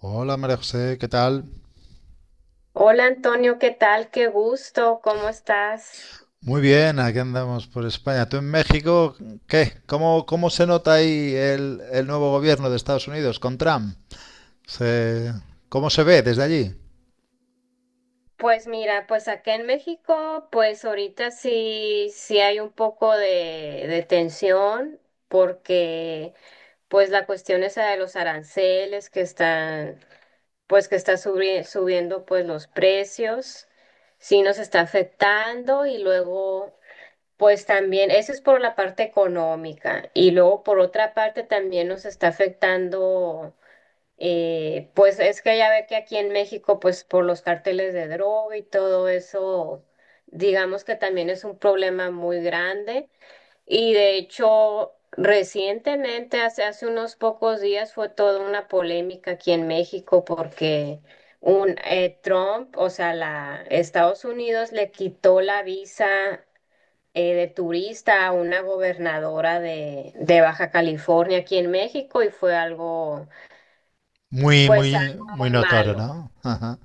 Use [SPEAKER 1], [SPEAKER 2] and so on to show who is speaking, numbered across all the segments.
[SPEAKER 1] Hola María José, ¿qué tal?
[SPEAKER 2] Hola Antonio, ¿qué tal? Qué gusto, ¿cómo estás?
[SPEAKER 1] Muy bien, aquí andamos por España. ¿Tú en México qué? ¿Cómo se nota ahí el nuevo gobierno de Estados Unidos con Trump? Se- ¿Cómo se ve desde allí?
[SPEAKER 2] Pues mira, pues acá en México, pues ahorita sí, sí hay un poco de tensión porque pues la cuestión esa de los aranceles que están, pues que está subiendo pues los precios, sí nos está afectando y luego pues también, eso es por la parte económica y luego por otra parte también nos está afectando. Pues es que ya ve que aquí en México, pues por los carteles de droga y todo eso, digamos que también es un problema muy grande. Y de hecho, recientemente, hace unos pocos días, fue toda una polémica aquí en México porque un Trump, o sea, la Estados Unidos le quitó la visa, de turista a una gobernadora de, Baja California aquí en México, y fue algo,
[SPEAKER 1] Muy,
[SPEAKER 2] pues
[SPEAKER 1] muy,
[SPEAKER 2] algo
[SPEAKER 1] Muy
[SPEAKER 2] muy
[SPEAKER 1] notorio,
[SPEAKER 2] malo.
[SPEAKER 1] ¿no? Ajá.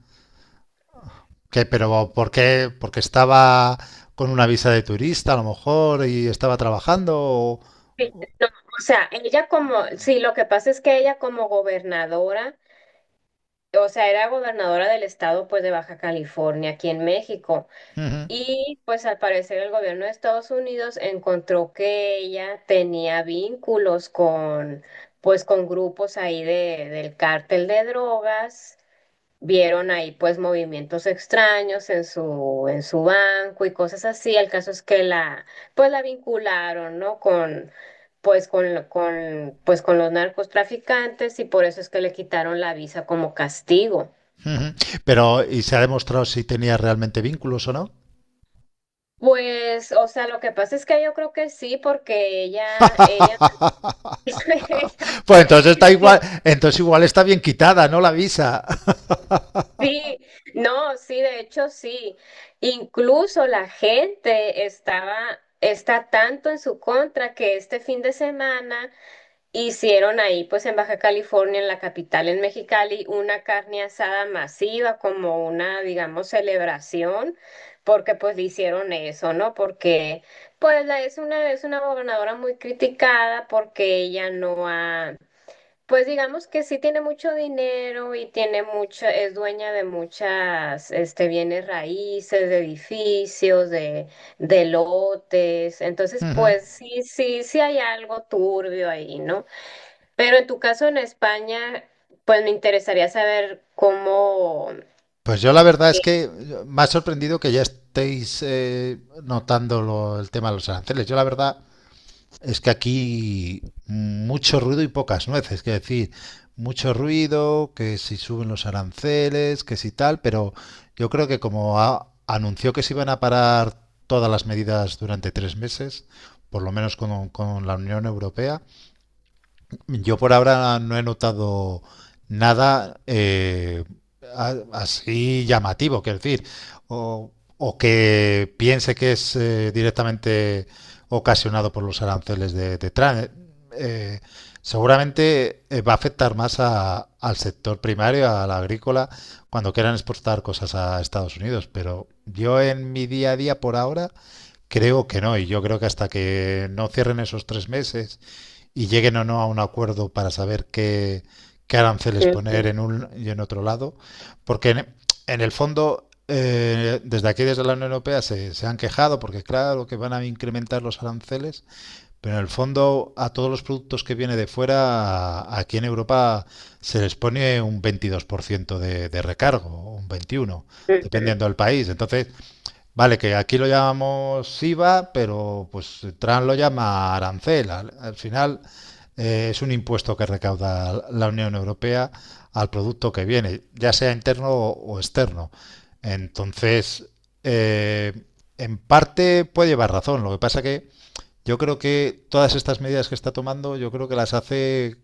[SPEAKER 1] ¿Qué, pero por qué? ¿Porque estaba con una visa de turista a lo mejor y estaba trabajando?
[SPEAKER 2] Sí, no, o sea, ella como, sí, lo que pasa es que ella, como gobernadora, o sea, era gobernadora del estado, pues de Baja California, aquí en México,
[SPEAKER 1] Ujú,
[SPEAKER 2] y pues al parecer el gobierno de Estados Unidos encontró que ella tenía vínculos con, pues con grupos ahí del cártel de drogas. Vieron ahí pues movimientos extraños en su banco y cosas así. El caso es que la, pues la vincularon, ¿no? Con, pues con, con, pues con los narcotraficantes, y por eso es que le quitaron la visa como castigo.
[SPEAKER 1] ujú. Pero, ¿y se ha demostrado si tenía realmente vínculos o no?
[SPEAKER 2] Pues, o sea, lo que pasa es que yo creo que sí, porque ella, ella.
[SPEAKER 1] Pues entonces está igual, entonces igual está bien quitada, ¿no? La visa.
[SPEAKER 2] Sí, no, sí, de hecho sí. Incluso la gente estaba, está tanto en su contra que este fin de semana hicieron ahí, pues en Baja California, en la capital, en Mexicali, una carne asada masiva, como una, digamos, celebración, porque pues le hicieron eso, ¿no? Porque pues la, es una, gobernadora muy criticada, porque ella no ha, pues digamos que sí tiene mucho dinero y tiene mucho, es dueña de muchas, bienes raíces, de edificios, de lotes. Entonces, pues sí, sí, sí hay algo turbio ahí, ¿no? Pero en tu caso en España, pues me interesaría saber cómo.
[SPEAKER 1] Pues yo la verdad es
[SPEAKER 2] Sí,
[SPEAKER 1] que me ha sorprendido que ya estéis notando el tema de los aranceles. Yo la verdad es que aquí mucho ruido y pocas nueces, que decir, mucho ruido, que si suben los aranceles, que si tal, pero yo creo que como anunció que se iban a parar todas las medidas durante 3 meses, por lo menos con la Unión Europea. Yo por ahora no he notado nada así llamativo, quiero decir, o, o que piense que es directamente ocasionado por los aranceles de Trump. Eh, seguramente va a afectar más al sector primario, al agrícola, cuando quieran exportar cosas a Estados Unidos, pero yo en mi día a día por ahora creo que no, y yo creo que hasta que no cierren esos 3 meses y lleguen o no a un acuerdo para saber qué, qué aranceles
[SPEAKER 2] ujú,
[SPEAKER 1] poner en un y en otro lado, porque en el fondo, desde aquí, desde la Unión Europea, se han quejado porque, claro, que van a incrementar los aranceles, pero en el fondo, a todos los productos que vienen de fuera, aquí en Europa se les pone un 22% de recargo, un 21%,
[SPEAKER 2] ujú,
[SPEAKER 1] dependiendo del país. Entonces, vale, que aquí lo llamamos IVA, pero pues Trump lo llama arancel. Al, al final es un impuesto que recauda la Unión Europea al producto que viene, ya sea interno o externo. Entonces, eh, en parte puede llevar razón. Lo que pasa que yo creo que todas estas medidas que está tomando, yo creo que las hace,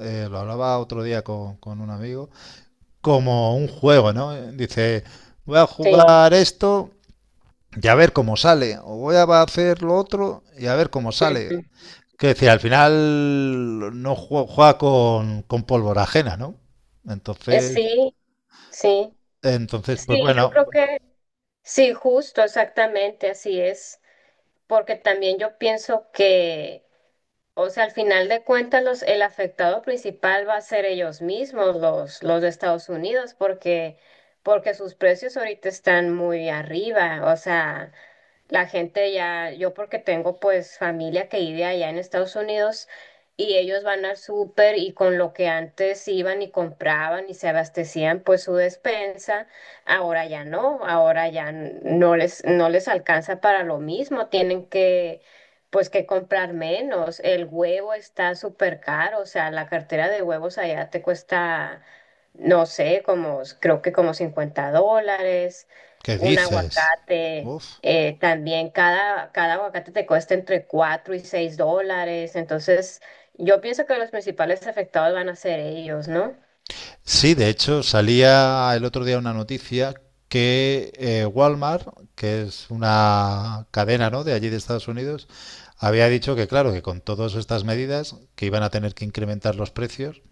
[SPEAKER 1] lo hablaba otro día con un amigo, como un juego, ¿no? Dice, voy a
[SPEAKER 2] sí,
[SPEAKER 1] jugar esto y a ver cómo sale, o voy a hacer lo otro y a ver cómo sale.
[SPEAKER 2] ujú.
[SPEAKER 1] Que decir, al final no juega, juega con pólvora ajena, ¿no? Entonces,
[SPEAKER 2] Sí, sí,
[SPEAKER 1] entonces, pues
[SPEAKER 2] sí, yo
[SPEAKER 1] bueno,
[SPEAKER 2] creo que sí, justo, exactamente, así es, porque también yo pienso que, o sea, al final de cuentas, los, el afectado principal va a ser ellos mismos, los, de Estados Unidos, porque sus precios ahorita están muy arriba. O sea, la gente ya, yo porque tengo pues familia que vive allá en Estados Unidos, y ellos van al súper, y con lo que antes iban y compraban y se abastecían pues su despensa, ahora ya no, ahora ya no les, alcanza para lo mismo, tienen que, pues que comprar menos. El huevo está súper caro, o sea, la cartera de huevos allá te cuesta, no sé, como creo que como $50.
[SPEAKER 1] ¿qué
[SPEAKER 2] Un
[SPEAKER 1] dices?
[SPEAKER 2] aguacate,
[SPEAKER 1] Uf.
[SPEAKER 2] también cada aguacate te cuesta entre $4 y $6, entonces yo pienso que los principales afectados van a ser ellos, ¿no?
[SPEAKER 1] Sí, de hecho, salía el otro día una noticia que Walmart, que es una cadena, ¿no? De allí de Estados Unidos, había dicho que, claro, que con todas estas medidas, que iban a tener que incrementar los precios.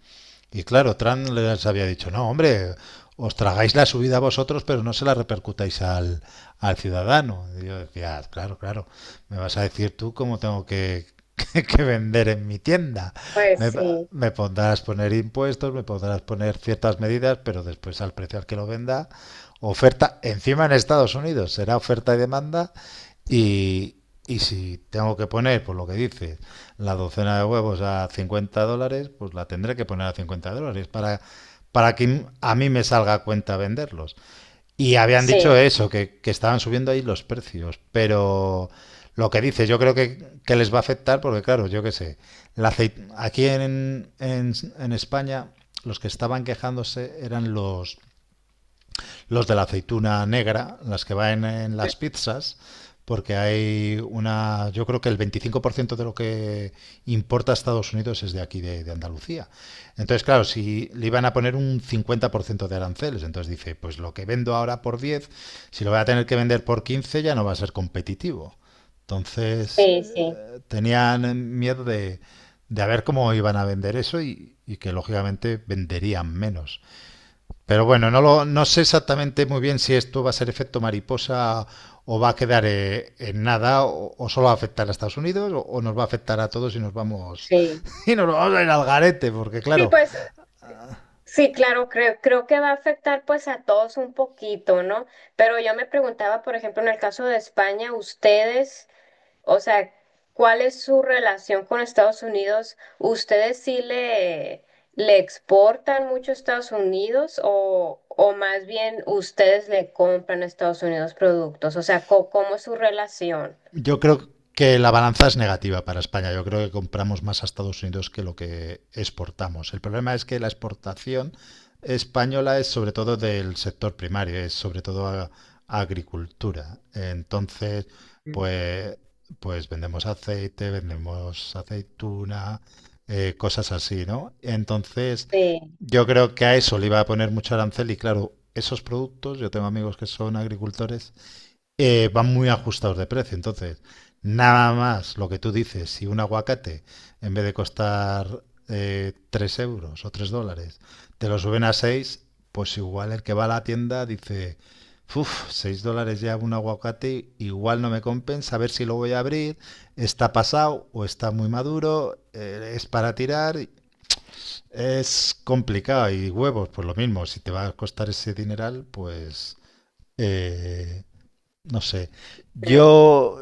[SPEAKER 1] Y claro, Trump les había dicho, no, hombre, os tragáis la subida a vosotros, pero no se la repercutáis al, al ciudadano. Y yo decía, "Ah, claro, claro, me vas a decir tú cómo tengo que, que vender en mi tienda.
[SPEAKER 2] Pues
[SPEAKER 1] Me,
[SPEAKER 2] sí.
[SPEAKER 1] me podrás poner impuestos, me podrás poner ciertas medidas, pero después al precio al que lo venda, oferta, encima en Estados Unidos, será oferta y demanda. Y, y si tengo que poner, por lo que dices, la docena de huevos a $50, pues la tendré que poner a $50 para que a mí me salga a cuenta venderlos. Y habían
[SPEAKER 2] Sí,
[SPEAKER 1] dicho eso, que estaban subiendo ahí los precios, pero lo que dice, yo creo que les va a afectar porque, claro, yo qué sé, la aceite aquí en España los que estaban quejándose eran los de la aceituna negra, las que van en las pizzas, porque hay una, yo creo que el 25% de lo que importa a Estados Unidos es de aquí, de Andalucía. Entonces, claro, si le iban a poner un 50% de aranceles, entonces dice, pues lo que vendo ahora por 10, si lo voy a tener que vender por 15, ya no va a ser competitivo. Entonces,
[SPEAKER 2] sí, sí,
[SPEAKER 1] tenían miedo de a ver cómo iban a vender eso y que lógicamente venderían menos. Pero bueno, no, lo, no sé exactamente muy bien si esto va a ser efecto mariposa o va a quedar en nada o, o solo va a afectar a Estados Unidos o nos va a afectar a todos y nos vamos
[SPEAKER 2] sí.
[SPEAKER 1] y nos vamos a ir al garete porque
[SPEAKER 2] Sí,
[SPEAKER 1] claro.
[SPEAKER 2] pues sí, claro, creo que va a afectar pues a todos un poquito, ¿no? Pero yo me preguntaba, por ejemplo, en el caso de España, ustedes, o sea, ¿cuál es su relación con Estados Unidos? ¿Ustedes sí le, exportan mucho a Estados Unidos, o más bien ustedes le compran a Estados Unidos productos? O sea, ¿cómo es su relación?
[SPEAKER 1] Yo creo que la balanza es negativa para España. Yo creo que compramos más a Estados Unidos que lo que exportamos. El problema es que la exportación española es sobre todo del sector primario, es sobre todo a agricultura. Entonces,
[SPEAKER 2] Mm.
[SPEAKER 1] pues, pues vendemos aceite, vendemos aceituna, cosas así, ¿no? Entonces,
[SPEAKER 2] Sí,
[SPEAKER 1] yo creo que a eso le iba a poner mucho arancel y claro, esos productos, yo tengo amigos que son agricultores, van muy ajustados de precio. Entonces, nada más lo que tú dices, si un aguacate, en vez de costar 3 € o $3, te lo suben a 6, pues igual el que va a la tienda dice, uff, 6 dólares ya un aguacate, igual no me compensa, a ver si lo voy a abrir, está pasado o está muy maduro, es para tirar, es complicado. Y huevos, pues lo mismo, si te va a costar ese dineral, pues... eh, no sé.
[SPEAKER 2] mm,
[SPEAKER 1] Yo,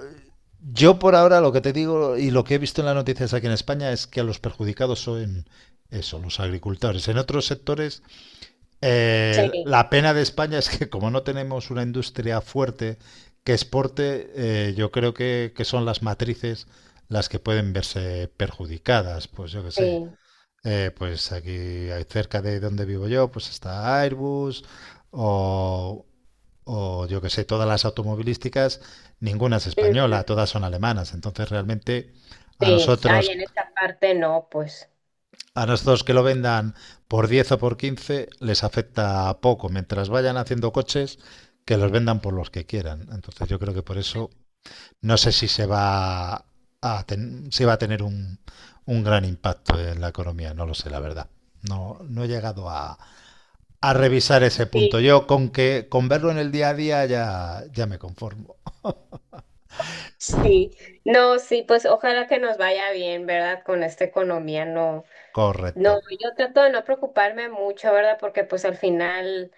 [SPEAKER 1] yo por ahora lo que te digo y lo que he visto en las noticias aquí en España es que los perjudicados son eso, los agricultores. En otros sectores,
[SPEAKER 2] sí,
[SPEAKER 1] la pena de España es que como no tenemos una industria fuerte que exporte, yo creo que son las matrices las que pueden verse perjudicadas. Pues yo qué sé.
[SPEAKER 2] sí.
[SPEAKER 1] Pues aquí cerca de donde vivo yo, pues está Airbus o o yo que sé, todas las automovilísticas, ninguna es
[SPEAKER 2] Ujú.
[SPEAKER 1] española, todas son alemanas. Entonces realmente a
[SPEAKER 2] Sí, ahí en
[SPEAKER 1] nosotros,
[SPEAKER 2] esa parte no, pues.
[SPEAKER 1] a nosotros que lo vendan por 10 o por 15 les afecta poco. Mientras vayan haciendo coches, que los vendan por los que quieran. Entonces yo creo que por eso no sé si se va a, ten, si va a tener un, gran impacto en la economía, no lo sé, la verdad. No, no he llegado a revisar ese punto.
[SPEAKER 2] Sí,
[SPEAKER 1] Yo con que con verlo en el día a día ya, ya me conformo.
[SPEAKER 2] sí. No, sí, pues ojalá que nos vaya bien, ¿verdad? Con esta economía, no.
[SPEAKER 1] Correcto,
[SPEAKER 2] No, yo trato de no preocuparme mucho, ¿verdad? Porque pues al final,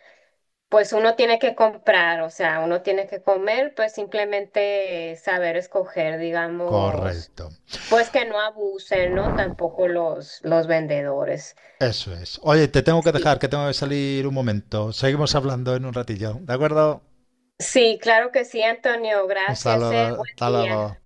[SPEAKER 2] pues uno tiene que comprar, o sea, uno tiene que comer, pues simplemente saber escoger, digamos,
[SPEAKER 1] correcto.
[SPEAKER 2] pues que no abusen, ¿no? Tampoco los, vendedores.
[SPEAKER 1] Eso es. Oye, te tengo que
[SPEAKER 2] Sí.
[SPEAKER 1] dejar, que tengo que salir un momento. Seguimos hablando en un ratillo, ¿de acuerdo?
[SPEAKER 2] Sí, claro que sí, Antonio.
[SPEAKER 1] Un
[SPEAKER 2] Gracias,
[SPEAKER 1] saludo,
[SPEAKER 2] eh. Buen
[SPEAKER 1] hasta luego.
[SPEAKER 2] día.